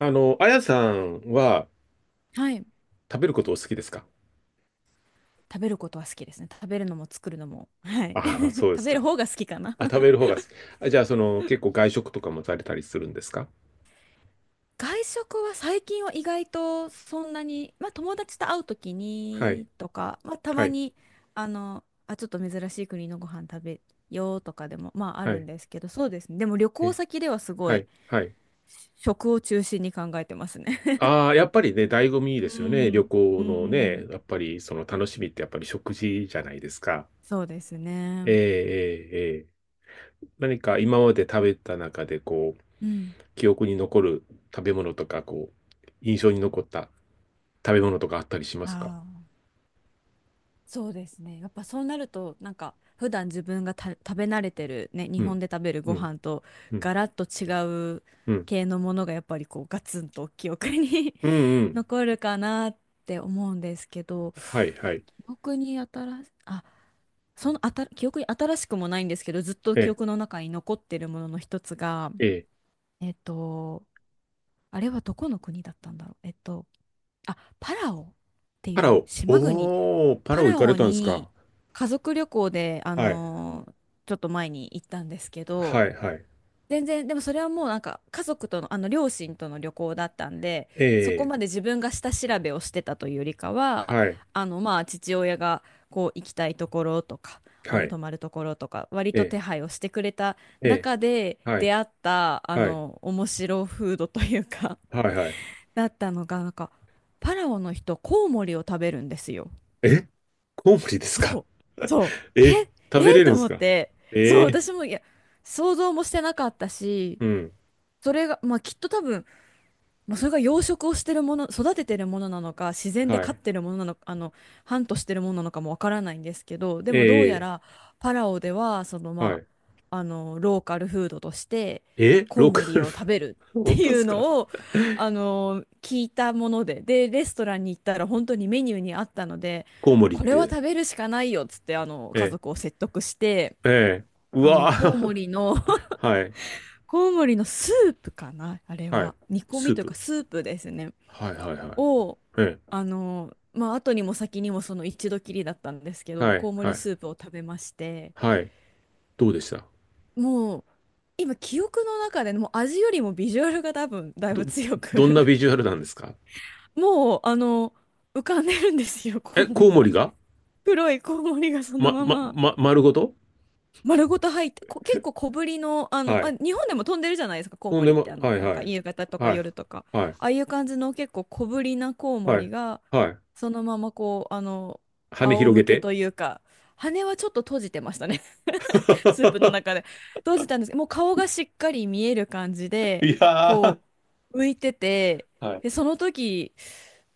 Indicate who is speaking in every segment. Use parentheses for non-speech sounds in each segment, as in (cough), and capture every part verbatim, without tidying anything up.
Speaker 1: あの、あやさんは
Speaker 2: はい。
Speaker 1: 食べることお好きですか？
Speaker 2: 食べることは好きですね。食べるのも作るのも。はい。
Speaker 1: あ (laughs) あ、そ
Speaker 2: (laughs)
Speaker 1: うで
Speaker 2: 食
Speaker 1: す
Speaker 2: べる
Speaker 1: か。
Speaker 2: 方が好きかな。
Speaker 1: あ、食べる
Speaker 2: (laughs)
Speaker 1: 方が好き。あ、じゃあ、その、結構外食とかもされたりするんですか？
Speaker 2: 外食は最近は意外とそんなに、まあ友達と会うとき
Speaker 1: はい、
Speaker 2: にとか、まあた
Speaker 1: は
Speaker 2: ま
Speaker 1: い、
Speaker 2: に、あの、あ、ちょっと珍しい国のご飯食べようとかでも、まああ
Speaker 1: は
Speaker 2: るん
Speaker 1: い、
Speaker 2: ですけど、そうですね。でも旅行
Speaker 1: え、
Speaker 2: 先ではすご
Speaker 1: は
Speaker 2: い
Speaker 1: い、はい。
Speaker 2: 食を中心に考えてますね。(laughs)
Speaker 1: ああ、やっぱりね、醍醐味で
Speaker 2: う
Speaker 1: すよね。旅
Speaker 2: ん、う
Speaker 1: 行の
Speaker 2: ん、
Speaker 1: ね、やっぱりその楽しみってやっぱり食事じゃないですか。
Speaker 2: (laughs) そうですね。
Speaker 1: ええ、ええ、ええ。何か今まで食べた中で、こう、
Speaker 2: うん。
Speaker 1: 記憶に残る食べ物とか、こう、印象に残った食べ物とかあったりしますか？
Speaker 2: ああ。そうですね。やっぱそうなると、なんか普段自分がた食べ慣れてるね、
Speaker 1: う
Speaker 2: 日本
Speaker 1: ん、
Speaker 2: で食べる
Speaker 1: う
Speaker 2: ご
Speaker 1: ん、
Speaker 2: 飯と
Speaker 1: うん、
Speaker 2: ガラッと違う
Speaker 1: うん。
Speaker 2: 系のものがやっぱりこうガツンと記憶に
Speaker 1: うんう
Speaker 2: (laughs)
Speaker 1: ん。
Speaker 2: 残るかなって思うんですけど、
Speaker 1: はい、はい。
Speaker 2: 記憶に新し、あ、そのあた、記憶に新しくもないんですけど、ずっと
Speaker 1: え
Speaker 2: 記
Speaker 1: え、
Speaker 2: 憶の中に残ってるものの一つが、
Speaker 1: ええ、
Speaker 2: えっと、あれはどこの国だったんだろう。えっと、あ、パラオって
Speaker 1: パ
Speaker 2: い
Speaker 1: ラ
Speaker 2: う
Speaker 1: オ。
Speaker 2: 島国
Speaker 1: おー、パラ
Speaker 2: パ
Speaker 1: オ行
Speaker 2: ラ
Speaker 1: かれ
Speaker 2: オ
Speaker 1: たんですか。
Speaker 2: に家族旅行で、あ
Speaker 1: はい、
Speaker 2: のーちょっと前に行ったんですけ
Speaker 1: は
Speaker 2: ど、
Speaker 1: い、はい。
Speaker 2: 全然、でもそれはもうなんか家族との、あの両親との旅行だったんで、そこ
Speaker 1: ええ
Speaker 2: まで自分が下調べをしてたというよりかは、
Speaker 1: はい、
Speaker 2: あのまあ父親がこう行きたいところとか、あ
Speaker 1: は
Speaker 2: の
Speaker 1: い。
Speaker 2: 泊まるところとか、割と
Speaker 1: え
Speaker 2: 手配をしてくれた
Speaker 1: ええ
Speaker 2: 中で
Speaker 1: えはい、
Speaker 2: 出会った、あ
Speaker 1: はい、
Speaker 2: の、面白フードというか、
Speaker 1: はい、はい。
Speaker 2: だったのが、なんか、パラオの人、コウモリを食べるんですよ。
Speaker 1: え、コウモリですか？
Speaker 2: そう、
Speaker 1: (laughs)
Speaker 2: そう、
Speaker 1: え、
Speaker 2: え、
Speaker 1: 食べ
Speaker 2: え
Speaker 1: れる
Speaker 2: と
Speaker 1: んです
Speaker 2: 思っ
Speaker 1: か？
Speaker 2: て、そう、
Speaker 1: ええ
Speaker 2: 私も、いや、想像もしてなかったし、
Speaker 1: うん、
Speaker 2: それが、まあ、きっと多分、まあ、それが養殖をしてるもの、育ててるものなのか、自然で
Speaker 1: は
Speaker 2: 飼っ
Speaker 1: い。
Speaker 2: てるものなのか、あの、ハントしてるものなのかもわからないんですけど、でもど
Speaker 1: え
Speaker 2: うやらパラオでは、その
Speaker 1: えは
Speaker 2: ま
Speaker 1: い。
Speaker 2: あ、あの、ローカルフードとして、
Speaker 1: え、
Speaker 2: コ
Speaker 1: ロ
Speaker 2: ウ
Speaker 1: ー
Speaker 2: モ
Speaker 1: カ
Speaker 2: リ
Speaker 1: ル、
Speaker 2: を食べるっ
Speaker 1: (laughs)
Speaker 2: て
Speaker 1: 本当
Speaker 2: い
Speaker 1: で
Speaker 2: う
Speaker 1: すか？
Speaker 2: のを、あの、聞いたもので、で、レストランに行ったら本当にメニューにあったので、
Speaker 1: コウモリっ
Speaker 2: これは
Speaker 1: て。
Speaker 2: 食べるしかないよっつって、あの、家
Speaker 1: え
Speaker 2: 族を説得して、
Speaker 1: えええう
Speaker 2: あの、
Speaker 1: わ
Speaker 2: コウモ
Speaker 1: ー
Speaker 2: リの、(laughs)
Speaker 1: (laughs) はい、
Speaker 2: コウモリのスープかな、あれ
Speaker 1: はい。
Speaker 2: は。煮込
Speaker 1: ス
Speaker 2: み
Speaker 1: ー
Speaker 2: というか
Speaker 1: プ。
Speaker 2: スープですね。
Speaker 1: はい、はい、はい。
Speaker 2: を、
Speaker 1: え
Speaker 2: あの、まあ、後にも先にもその一度きりだったんですけど、
Speaker 1: はい、
Speaker 2: コウモ
Speaker 1: は
Speaker 2: リ
Speaker 1: い、
Speaker 2: スープを食べまして、
Speaker 1: はい。どうでした？
Speaker 2: もう、今、記憶の中でね、もう味よりもビジュアルが多分、だい
Speaker 1: ど、
Speaker 2: ぶ強く
Speaker 1: どんなビジュアルなんですか？
Speaker 2: (laughs) もう、あの、浮かんでるんですよ、コ
Speaker 1: え、
Speaker 2: ウモ
Speaker 1: コ
Speaker 2: リ
Speaker 1: ウ
Speaker 2: が。
Speaker 1: モリが
Speaker 2: 黒いコウモリがその
Speaker 1: ま、
Speaker 2: ま
Speaker 1: ま、
Speaker 2: ま。
Speaker 1: ま、丸ごと
Speaker 2: 丸ごと入って、こ、結構小ぶりの、あの、
Speaker 1: は
Speaker 2: まあ、
Speaker 1: い。
Speaker 2: 日本でも飛んでるじゃないですか、コウ
Speaker 1: とん
Speaker 2: モ
Speaker 1: で
Speaker 2: リっ
Speaker 1: も、
Speaker 2: て、あの、
Speaker 1: はい、
Speaker 2: なん
Speaker 1: は
Speaker 2: か
Speaker 1: い。
Speaker 2: 夕方とか
Speaker 1: はい、
Speaker 2: 夜とか、
Speaker 1: はい、
Speaker 2: ああいう感じの結構小ぶりなコウモ
Speaker 1: はい、
Speaker 2: リが、
Speaker 1: はい。
Speaker 2: そのままこう、あの、
Speaker 1: 羽
Speaker 2: 仰
Speaker 1: 広
Speaker 2: 向
Speaker 1: げ
Speaker 2: け
Speaker 1: て
Speaker 2: というか、羽はちょっと閉じてましたね。
Speaker 1: (laughs)
Speaker 2: スープの中で閉じたんですけど、もう顔がしっかり見える感じで、
Speaker 1: いやー、
Speaker 2: こう、浮いてて、
Speaker 1: はい。
Speaker 2: で、その時、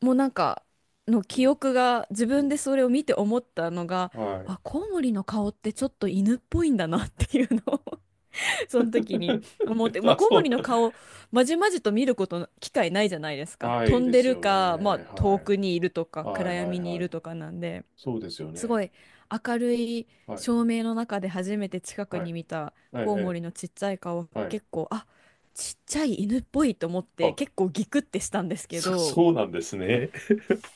Speaker 2: もうなんか、の
Speaker 1: う
Speaker 2: 記
Speaker 1: ん
Speaker 2: 憶が、自
Speaker 1: う
Speaker 2: 分で
Speaker 1: ん
Speaker 2: それを見て思ったのが、
Speaker 1: はい。
Speaker 2: あ、コウモリの顔ってちょっと犬っぽいんだなっていうのを (laughs) その時に思って、
Speaker 1: (laughs)
Speaker 2: まあ、
Speaker 1: あ、
Speaker 2: コウ
Speaker 1: そ
Speaker 2: モ
Speaker 1: う。
Speaker 2: リの顔、まじまじと見ることの、機会ないじゃないですか。
Speaker 1: な
Speaker 2: 飛
Speaker 1: い
Speaker 2: ん
Speaker 1: で
Speaker 2: で
Speaker 1: す
Speaker 2: る
Speaker 1: よね。
Speaker 2: か、まあ、遠
Speaker 1: は
Speaker 2: く
Speaker 1: い。
Speaker 2: にいるとか、
Speaker 1: はい、
Speaker 2: 暗
Speaker 1: はい、
Speaker 2: 闇にい
Speaker 1: は
Speaker 2: る
Speaker 1: い。
Speaker 2: とかなんで。
Speaker 1: そうですよ
Speaker 2: すご
Speaker 1: ね。
Speaker 2: い明るい
Speaker 1: はい、
Speaker 2: 照明の中で初めて近く
Speaker 1: はい、
Speaker 2: に見た
Speaker 1: はい、
Speaker 2: コウモ
Speaker 1: え
Speaker 2: リのちっちゃい顔、
Speaker 1: えはい。
Speaker 2: 結構あちっちゃい犬っぽいと思って
Speaker 1: あ、
Speaker 2: 結構ギクってしたんですけ
Speaker 1: そ、(laughs)
Speaker 2: ど、
Speaker 1: そうなんですね。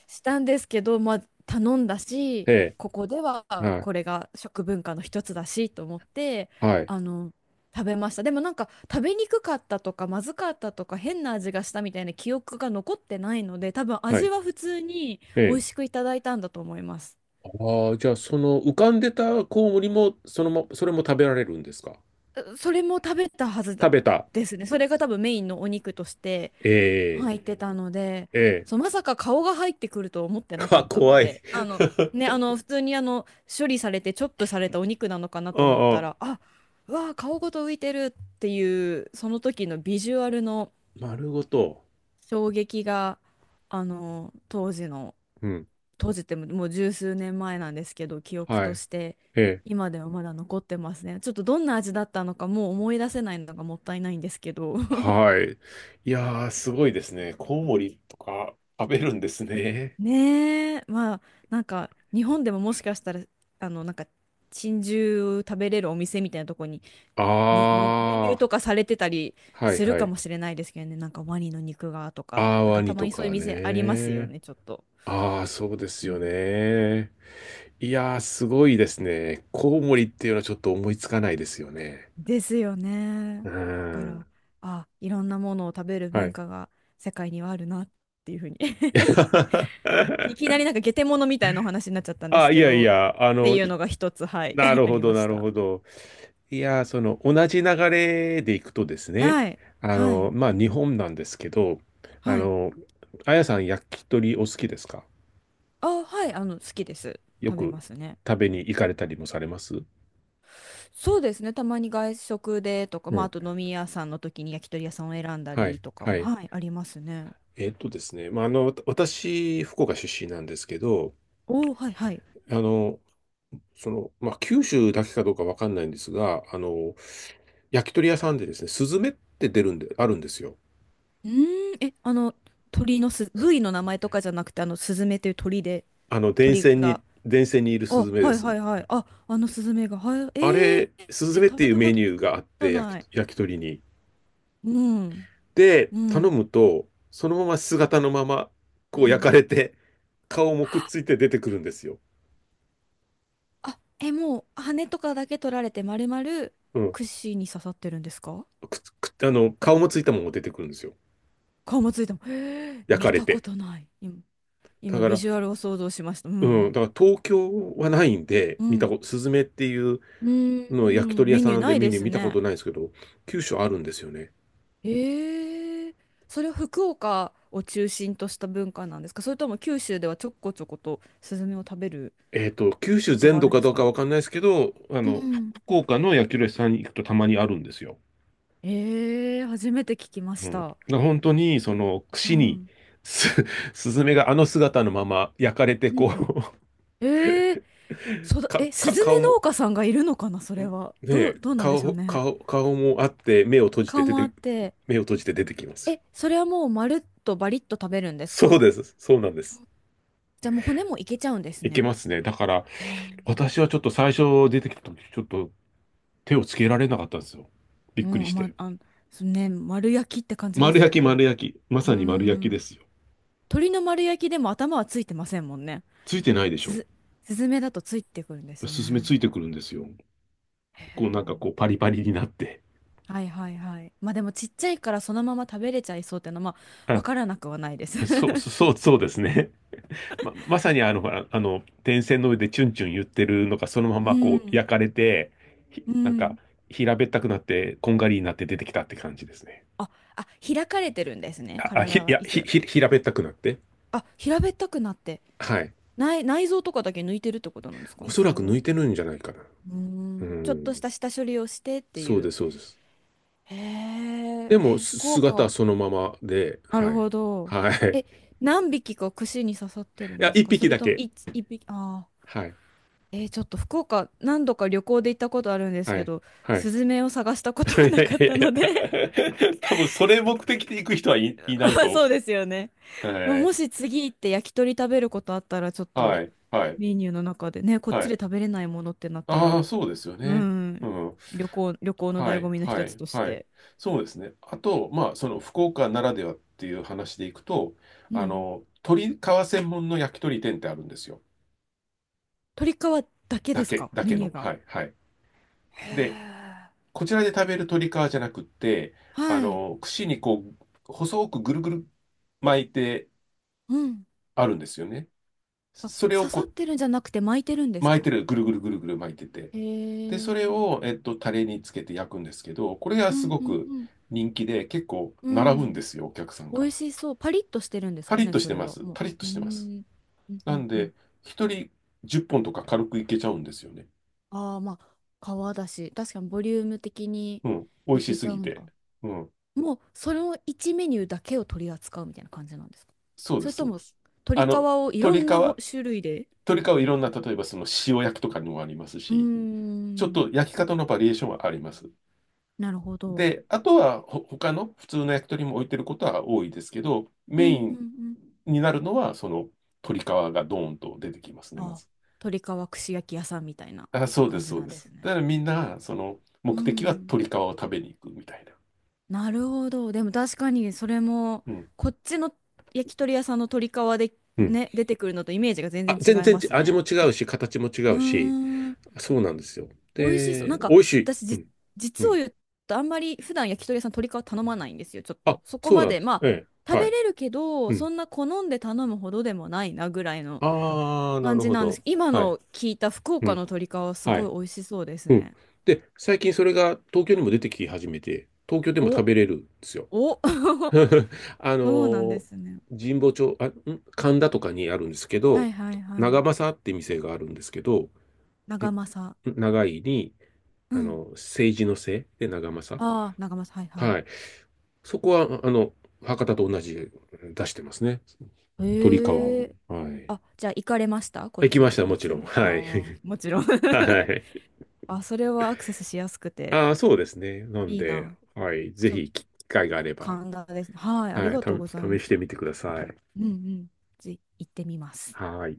Speaker 2: したんですけど、まあ頼んだし、
Speaker 1: え
Speaker 2: ここでは
Speaker 1: え、はい、
Speaker 2: これが食文化の一つだしと思って、
Speaker 1: はい、
Speaker 2: あの食べました。でもなんか食べにくかったとか、まずかったとか、変な味がしたみたいな記憶が残ってないので、多分
Speaker 1: は
Speaker 2: 味
Speaker 1: い、
Speaker 2: は普通に
Speaker 1: え
Speaker 2: 美味し
Speaker 1: え。
Speaker 2: くいただいたんだと思います。
Speaker 1: ああ、じゃあ、その浮かんでたコウモリも、そのま、それも食べられるんですか？
Speaker 2: それも食べたはずだ
Speaker 1: 食べた。
Speaker 2: ですね。それが多分メインのお肉として
Speaker 1: え
Speaker 2: 入ってたので、
Speaker 1: え、ええ。
Speaker 2: そう、まさか顔が入ってくると思ってな
Speaker 1: (laughs)
Speaker 2: か
Speaker 1: あ、
Speaker 2: ったの
Speaker 1: 怖い。(laughs)
Speaker 2: で、あの、ね、あの、普通にあの、処理されてチョップされたお肉なのかな
Speaker 1: あ
Speaker 2: と思った
Speaker 1: あ、
Speaker 2: ら、あ、うわあ顔ごと浮いてるっていう、その時のビジュアルの
Speaker 1: 丸ごと。
Speaker 2: 衝撃が、あの、当時の
Speaker 1: うん。
Speaker 2: 閉じてももう十数年前なんですけど、記憶
Speaker 1: は
Speaker 2: と
Speaker 1: い。
Speaker 2: して
Speaker 1: ええ。
Speaker 2: 今ではまだ残ってますね。ちょっとどんな味だったのかもう思い出せないのがもったいないんですけど。(laughs)
Speaker 1: はい。いやー、すごいですね。コウモリとか食べるんですね。
Speaker 2: ねえ、まあなんか日本でももしかしたらあのなんか珍獣食べれるお店みたいなとこにね、輸輸入
Speaker 1: ああ、
Speaker 2: とかされてたり
Speaker 1: はい
Speaker 2: する
Speaker 1: は
Speaker 2: か
Speaker 1: い。
Speaker 2: もしれないですけどね。なんかワニの肉がとか、
Speaker 1: あー、
Speaker 2: なん
Speaker 1: ワ
Speaker 2: かた
Speaker 1: ニ
Speaker 2: ま
Speaker 1: と
Speaker 2: にそういう
Speaker 1: か
Speaker 2: 店ありますよ
Speaker 1: ね。
Speaker 2: ね、ちょっと。
Speaker 1: ああ、そうです
Speaker 2: う
Speaker 1: よ
Speaker 2: ん
Speaker 1: ね。いやー、すごいですね。コウモリっていうのはちょっと思いつかないですよね。
Speaker 2: ですよ
Speaker 1: う
Speaker 2: ね。
Speaker 1: ー
Speaker 2: だか
Speaker 1: ん。
Speaker 2: ら、あ、いろんなものを食べる
Speaker 1: は
Speaker 2: 文
Speaker 1: い。
Speaker 2: 化が世界にはあるなっていうふうに (laughs) いきなり
Speaker 1: (laughs)
Speaker 2: なんか下手者みたいなお話になっちゃったんで
Speaker 1: あ、
Speaker 2: す
Speaker 1: い
Speaker 2: け
Speaker 1: やい
Speaker 2: ど、っ
Speaker 1: や、あ
Speaker 2: て
Speaker 1: の、
Speaker 2: いうのが一つ、はい、
Speaker 1: な
Speaker 2: (laughs)
Speaker 1: る
Speaker 2: あ
Speaker 1: ほ
Speaker 2: り
Speaker 1: ど、
Speaker 2: ま
Speaker 1: な
Speaker 2: し
Speaker 1: る
Speaker 2: た。
Speaker 1: ほど。いや、その、同じ流れでいくとですね、
Speaker 2: はい、
Speaker 1: あ
Speaker 2: は
Speaker 1: の、
Speaker 2: い、
Speaker 1: まあ、日本なんですけど、あ
Speaker 2: はい。
Speaker 1: の、あやさん、焼き鳥お好きですか？
Speaker 2: あ、はい、あの、好きです。
Speaker 1: よ
Speaker 2: 食べま
Speaker 1: く
Speaker 2: すね。
Speaker 1: 食べに行かれたりもされます？
Speaker 2: そうですね、たまに外食でとか、
Speaker 1: う
Speaker 2: まあ、
Speaker 1: ん。
Speaker 2: あと飲み屋さんの時に焼き鳥屋さんを選んだ
Speaker 1: は
Speaker 2: り
Speaker 1: い、
Speaker 2: とか
Speaker 1: は
Speaker 2: も、
Speaker 1: い。
Speaker 2: はい、ありますね。
Speaker 1: えっとですね、まあ、あの、わた私、福岡出身なんですけど、
Speaker 2: おー、はい、はい。
Speaker 1: あの、その、まあ、九州だけかどうかわかんないんですが、あの、焼き鳥屋さんでですね、スズメって出るんで、あるんですよ。
Speaker 2: うーん、え、あの、鳥のす、部位の名前とかじゃなくて、あの、スズメという鳥で、
Speaker 1: あの、電
Speaker 2: 鳥
Speaker 1: 線に、
Speaker 2: が。
Speaker 1: 電線にいる
Speaker 2: あ、
Speaker 1: スズメで
Speaker 2: はい
Speaker 1: す。
Speaker 2: はいはい。あ、あのスズメが。はい、
Speaker 1: あ
Speaker 2: えー、
Speaker 1: れ、ス
Speaker 2: え
Speaker 1: ズメっ
Speaker 2: 食
Speaker 1: て
Speaker 2: べ
Speaker 1: いう
Speaker 2: たこ
Speaker 1: メニューがあっ
Speaker 2: と
Speaker 1: て、焼
Speaker 2: ない。
Speaker 1: き、焼き鳥に。
Speaker 2: うん、
Speaker 1: で、
Speaker 2: う
Speaker 1: 頼
Speaker 2: ん、
Speaker 1: むと、そのまま姿のまま、こう
Speaker 2: う
Speaker 1: 焼
Speaker 2: ん。
Speaker 1: かれて、顔もくっついて出てくるんですよ。
Speaker 2: あ、え、もう、羽とかだけ取られて、丸々、
Speaker 1: うん。
Speaker 2: 串に刺さってるんですか？
Speaker 1: くっつ、くっあの、顔もついたまま出てくるんですよ。
Speaker 2: 顔もついても。えー、
Speaker 1: 焼か
Speaker 2: 見
Speaker 1: れ
Speaker 2: たこ
Speaker 1: て。
Speaker 2: とない。今、
Speaker 1: だ
Speaker 2: 今
Speaker 1: か
Speaker 2: ビ
Speaker 1: ら、
Speaker 2: ジュアルを想像しました。う
Speaker 1: うん、
Speaker 2: ん。
Speaker 1: だから東京はないんで、
Speaker 2: う
Speaker 1: 見た
Speaker 2: ん。
Speaker 1: こと、スズメっていう
Speaker 2: うー
Speaker 1: のを焼き
Speaker 2: ん、
Speaker 1: 鳥屋
Speaker 2: メニュー
Speaker 1: さん
Speaker 2: な
Speaker 1: で
Speaker 2: い
Speaker 1: メ
Speaker 2: で
Speaker 1: ニュー
Speaker 2: す
Speaker 1: 見たこ
Speaker 2: ね。
Speaker 1: とないんですけど、九州あるんですよね。
Speaker 2: ええ、それは福岡を中心とした文化なんですか？それとも九州ではちょこちょことスズメを食べる
Speaker 1: えっと、九州
Speaker 2: ことが
Speaker 1: 全
Speaker 2: あ
Speaker 1: 土
Speaker 2: るん
Speaker 1: か
Speaker 2: です
Speaker 1: どう
Speaker 2: か
Speaker 1: か
Speaker 2: ね？
Speaker 1: わかんないですけど、あ
Speaker 2: う
Speaker 1: の、ふ
Speaker 2: ん。
Speaker 1: 福岡の焼き鳥屋さんに行くとたまにあるんですよ。
Speaker 2: ええ、初めて聞きま
Speaker 1: う
Speaker 2: し
Speaker 1: ん。だか
Speaker 2: た。
Speaker 1: ら本当に、その、
Speaker 2: う
Speaker 1: 串に、
Speaker 2: ん。
Speaker 1: す、(laughs) スズメがあの姿のまま焼かれて、
Speaker 2: う
Speaker 1: こ
Speaker 2: ん。
Speaker 1: う、
Speaker 2: ええ、そ
Speaker 1: (laughs)
Speaker 2: だ、
Speaker 1: か、
Speaker 2: え、ス
Speaker 1: か、
Speaker 2: ズメ
Speaker 1: 顔も、
Speaker 2: 農家さんがいるのかな、そ
Speaker 1: ん
Speaker 2: れ
Speaker 1: ね
Speaker 2: は。どう、
Speaker 1: え、
Speaker 2: どうなんでしょう
Speaker 1: 顔、
Speaker 2: ね。
Speaker 1: 顔、顔もあって、目を閉じて
Speaker 2: か
Speaker 1: 出
Speaker 2: ま
Speaker 1: て、
Speaker 2: って。
Speaker 1: 目を閉じて出てきますよ。
Speaker 2: え、それはもうまるっとバリッと食べるんです
Speaker 1: そう
Speaker 2: か？
Speaker 1: です。そうなんです。
Speaker 2: じゃあもう骨もいけちゃうんです
Speaker 1: いけ
Speaker 2: ね。
Speaker 1: ますね。だから、
Speaker 2: あー、
Speaker 1: 私はちょっと最初出てきた時、ちょっと手をつけられなかったんですよ。びっ
Speaker 2: う
Speaker 1: くりし
Speaker 2: ん、ま、
Speaker 1: て。
Speaker 2: あ、そうね、丸焼きって感じで
Speaker 1: 丸
Speaker 2: す
Speaker 1: 焼
Speaker 2: よ
Speaker 1: き、
Speaker 2: ね。
Speaker 1: 丸焼き。ま
Speaker 2: うー
Speaker 1: さに丸焼きで
Speaker 2: ん。
Speaker 1: すよ。
Speaker 2: 鳥の丸焼きでも頭はついてませんもんね。
Speaker 1: ついてないでし
Speaker 2: す
Speaker 1: ょ。
Speaker 2: ず、スズメだとついてくるんです
Speaker 1: スズメ
Speaker 2: ね。
Speaker 1: ついてくるんですよ。
Speaker 2: へ
Speaker 1: こうなんか
Speaker 2: え。
Speaker 1: こうパリパリになって。
Speaker 2: はいはいはい。まあでもちっちゃいからそのまま食べれちゃいそうっていうのは、まあ、
Speaker 1: あ、
Speaker 2: わからなくはないです。(laughs)
Speaker 1: そう、そう、そうですね。ま、まさにあの、ほらあの、電線の上でチュンチュン言ってるのがそのま
Speaker 2: う
Speaker 1: まこう
Speaker 2: ん。
Speaker 1: 焼かれて、ひ
Speaker 2: う
Speaker 1: なんか
Speaker 2: ん。
Speaker 1: 平べったくなって、こんがりになって出てきたって感じですね。
Speaker 2: あ、あ、開かれてるんですね。
Speaker 1: あ、あ、ひ、
Speaker 2: 体
Speaker 1: い
Speaker 2: は
Speaker 1: や、
Speaker 2: 一
Speaker 1: ひ、
Speaker 2: 応。
Speaker 1: ひ、平べったくなって。
Speaker 2: あ、平べったくなって。
Speaker 1: はい。
Speaker 2: 内、内臓とかだけ抜いてるってことなんですか
Speaker 1: お
Speaker 2: ね、
Speaker 1: そ
Speaker 2: そ
Speaker 1: ら
Speaker 2: れ
Speaker 1: く抜
Speaker 2: は。
Speaker 1: いてるんじゃないかな。
Speaker 2: う
Speaker 1: う
Speaker 2: ん。ちょっ
Speaker 1: ん。
Speaker 2: とした下処理をしてって
Speaker 1: そ
Speaker 2: い
Speaker 1: うで
Speaker 2: う。
Speaker 1: す、そうです。
Speaker 2: へえ、
Speaker 1: でも、
Speaker 2: え、
Speaker 1: す
Speaker 2: 福
Speaker 1: 姿は
Speaker 2: 岡。
Speaker 1: そのままで、
Speaker 2: なる
Speaker 1: はい。
Speaker 2: ほど。
Speaker 1: はい。
Speaker 2: え、何匹か串に刺さってる
Speaker 1: い
Speaker 2: ん
Speaker 1: や、
Speaker 2: です
Speaker 1: 一
Speaker 2: か？そ
Speaker 1: 匹
Speaker 2: れ
Speaker 1: だ
Speaker 2: とも
Speaker 1: け。
Speaker 2: 一、一匹、ああ。
Speaker 1: はい。
Speaker 2: えー、ちょっと福岡何度か旅行で行ったことあるんです
Speaker 1: は
Speaker 2: け
Speaker 1: い。
Speaker 2: ど、
Speaker 1: はい。
Speaker 2: スズメを探したこ
Speaker 1: い
Speaker 2: と
Speaker 1: や
Speaker 2: は
Speaker 1: い
Speaker 2: なかっ
Speaker 1: やい
Speaker 2: たので (laughs)
Speaker 1: やいや多分それ目的で行く人はい、いな
Speaker 2: ま
Speaker 1: い
Speaker 2: あそう
Speaker 1: と。
Speaker 2: ですよね。まあ、
Speaker 1: は
Speaker 2: も
Speaker 1: い。
Speaker 2: し次行って焼き鳥食べることあったら、ちょっ
Speaker 1: は
Speaker 2: と
Speaker 1: い。はい。
Speaker 2: メニューの中でね、こっ
Speaker 1: は
Speaker 2: ちで
Speaker 1: い。
Speaker 2: 食べれないものってなった
Speaker 1: あ
Speaker 2: ら、
Speaker 1: あ、そうですよ
Speaker 2: う
Speaker 1: ね。う
Speaker 2: ん、
Speaker 1: ん。
Speaker 2: 旅行、旅行の
Speaker 1: は
Speaker 2: 醍醐
Speaker 1: い。
Speaker 2: 味の
Speaker 1: は
Speaker 2: 一つ
Speaker 1: い。
Speaker 2: とし
Speaker 1: はい。
Speaker 2: て。
Speaker 1: そうですね。あと、まあ、その福岡ならではっていう話でいくと、
Speaker 2: う
Speaker 1: あ
Speaker 2: ん。
Speaker 1: の、鶏皮専門の焼き鳥店ってあるんですよ。
Speaker 2: 鶏皮だけ
Speaker 1: だ
Speaker 2: です
Speaker 1: け、
Speaker 2: か？
Speaker 1: だ
Speaker 2: メ
Speaker 1: け
Speaker 2: ニュ
Speaker 1: の。
Speaker 2: ーが。
Speaker 1: はい。はい。
Speaker 2: へ
Speaker 1: で、
Speaker 2: え。
Speaker 1: こちらで食べる鶏皮じゃなくって、あ
Speaker 2: はい。
Speaker 1: の、串にこう、細くぐるぐる巻いて
Speaker 2: うん。
Speaker 1: あるんですよね。
Speaker 2: あ、
Speaker 1: それ
Speaker 2: 刺
Speaker 1: をこ
Speaker 2: さっ
Speaker 1: う
Speaker 2: てるんじゃなくて巻いてるんです
Speaker 1: 巻いて
Speaker 2: か？
Speaker 1: る、ぐるぐるぐるぐる巻いてて。
Speaker 2: へ
Speaker 1: で、それ
Speaker 2: え。
Speaker 1: を、えっと、タレにつけて焼くんですけど、これが
Speaker 2: う
Speaker 1: す
Speaker 2: ん
Speaker 1: ご
Speaker 2: うん
Speaker 1: く
Speaker 2: うん。
Speaker 1: 人気で、結構
Speaker 2: う
Speaker 1: 並ぶんで
Speaker 2: ん。
Speaker 1: すよ、お客さん
Speaker 2: 美
Speaker 1: が。
Speaker 2: 味しそう。パリッとしてるんです
Speaker 1: パ
Speaker 2: か
Speaker 1: リッ
Speaker 2: ね、
Speaker 1: とし
Speaker 2: そ
Speaker 1: て
Speaker 2: れ
Speaker 1: ま
Speaker 2: は。
Speaker 1: す。
Speaker 2: も
Speaker 1: パリッと
Speaker 2: う。うー
Speaker 1: してます。
Speaker 2: ん。うんう
Speaker 1: な
Speaker 2: ん
Speaker 1: ん
Speaker 2: うん。
Speaker 1: で、一人じゅっぽんとか軽くいけちゃうんですよね。
Speaker 2: ああ、まあ、皮だし、確かにボリューム的に
Speaker 1: うん。美味
Speaker 2: い
Speaker 1: し
Speaker 2: け
Speaker 1: す
Speaker 2: ちゃう
Speaker 1: ぎ
Speaker 2: んだ。
Speaker 1: て。うん。
Speaker 2: もう、そのいちメニューだけを取り扱うみたいな感じなんですか？
Speaker 1: そうで
Speaker 2: それ
Speaker 1: す、そ
Speaker 2: と
Speaker 1: うで
Speaker 2: も、
Speaker 1: す。
Speaker 2: 鶏
Speaker 1: あ
Speaker 2: 皮
Speaker 1: の、
Speaker 2: をいろ
Speaker 1: 鶏皮、
Speaker 2: んなほ種類で
Speaker 1: 鶏皮いろんな、例えばその塩焼きとかにもあります
Speaker 2: うー
Speaker 1: し、ちょっ
Speaker 2: ん。
Speaker 1: と焼き方のバリエーションはあります。
Speaker 2: なるほど。
Speaker 1: で、あとはほ他の普通の焼き鳥も置いてることは多いですけど、
Speaker 2: う
Speaker 1: メイ
Speaker 2: んうんう
Speaker 1: ン
Speaker 2: ん。
Speaker 1: になるのは、その鳥皮がドーンと出てきますね、ま
Speaker 2: ああ、
Speaker 1: ず。
Speaker 2: 鶏皮串焼き屋さんみたいな
Speaker 1: あ、そうで
Speaker 2: 感
Speaker 1: す、
Speaker 2: じ
Speaker 1: そう
Speaker 2: なん
Speaker 1: で
Speaker 2: で
Speaker 1: す。
Speaker 2: す
Speaker 1: だ
Speaker 2: ね。
Speaker 1: からみんな、その
Speaker 2: う
Speaker 1: 目的は
Speaker 2: ん。
Speaker 1: 鳥皮を食べに行くみたいな。
Speaker 2: なるほど。でも確かにそれも、
Speaker 1: うん。
Speaker 2: こっちの焼き鳥屋さんの鶏皮で
Speaker 1: うん
Speaker 2: ね、出てくるのとイメージが全
Speaker 1: あ、全
Speaker 2: 然違い
Speaker 1: 然
Speaker 2: ま
Speaker 1: ち
Speaker 2: す
Speaker 1: 味も
Speaker 2: ね。
Speaker 1: 違うし、形も違
Speaker 2: うー
Speaker 1: うし、
Speaker 2: ん。
Speaker 1: そうなんですよ。
Speaker 2: 美味しそう。な
Speaker 1: で、
Speaker 2: んか
Speaker 1: 美味しい。
Speaker 2: 私
Speaker 1: う
Speaker 2: じ、
Speaker 1: ん。う
Speaker 2: 実を
Speaker 1: ん。
Speaker 2: 言うとあんまり普段焼き鳥屋さん鶏皮頼まないんですよ。ちょっ
Speaker 1: あ、
Speaker 2: と。そこ
Speaker 1: そう
Speaker 2: ま
Speaker 1: なんで
Speaker 2: で、
Speaker 1: す。
Speaker 2: ま
Speaker 1: え
Speaker 2: あ、
Speaker 1: え。
Speaker 2: 食
Speaker 1: は
Speaker 2: べ
Speaker 1: い。
Speaker 2: れるけど、
Speaker 1: う
Speaker 2: そ
Speaker 1: ん。
Speaker 2: んな好んで頼むほどでもないなぐらいの
Speaker 1: ああ、な
Speaker 2: 感
Speaker 1: る
Speaker 2: じ
Speaker 1: ほ
Speaker 2: なんで
Speaker 1: ど。
Speaker 2: す。今
Speaker 1: はい。
Speaker 2: の聞いた福
Speaker 1: う
Speaker 2: 岡の
Speaker 1: ん。
Speaker 2: 鶏皮はす
Speaker 1: は
Speaker 2: ごい
Speaker 1: い。
Speaker 2: 美味しそうです
Speaker 1: うん。
Speaker 2: ね。
Speaker 1: で、最近それが東京にも出てき始めて、東京でも食
Speaker 2: お、
Speaker 1: べれるんですよ。
Speaker 2: お、(laughs)
Speaker 1: (laughs) あ
Speaker 2: そうなんで
Speaker 1: の、
Speaker 2: すね。
Speaker 1: 神保町、あ、ん神田とかにあるんですけ
Speaker 2: は
Speaker 1: ど、
Speaker 2: いはいは
Speaker 1: 長
Speaker 2: い。
Speaker 1: 政って店があるんですけど、
Speaker 2: 長政。
Speaker 1: ん長いに、
Speaker 2: う
Speaker 1: あ
Speaker 2: ん。
Speaker 1: の、政治のせいで長政。
Speaker 2: ああ、長政。はいは
Speaker 1: は
Speaker 2: い。
Speaker 1: い。そこは、あの、博多と同じ出してますね。鳥川
Speaker 2: へ
Speaker 1: を。
Speaker 2: え。
Speaker 1: はい。
Speaker 2: あ、じゃあ行かれましたこっ
Speaker 1: 行きまし
Speaker 2: ち
Speaker 1: た、
Speaker 2: に
Speaker 1: もち
Speaker 2: 住
Speaker 1: ろ
Speaker 2: ん
Speaker 1: ん。
Speaker 2: で。
Speaker 1: はい。
Speaker 2: ああ、もちろん (laughs)
Speaker 1: (laughs) はい。
Speaker 2: あ、それはアクセスしやすくて
Speaker 1: ああ、そうですね。なん
Speaker 2: いい
Speaker 1: で、
Speaker 2: な。
Speaker 1: はい。ぜ
Speaker 2: ちょっと
Speaker 1: ひ、機会があれば、
Speaker 2: 神田ですね。はい、あり
Speaker 1: はい。
Speaker 2: が
Speaker 1: た、
Speaker 2: とうございま
Speaker 1: 試
Speaker 2: す。
Speaker 1: してみてください。
Speaker 2: うんうん。ぜひ行ってみます。
Speaker 1: はい。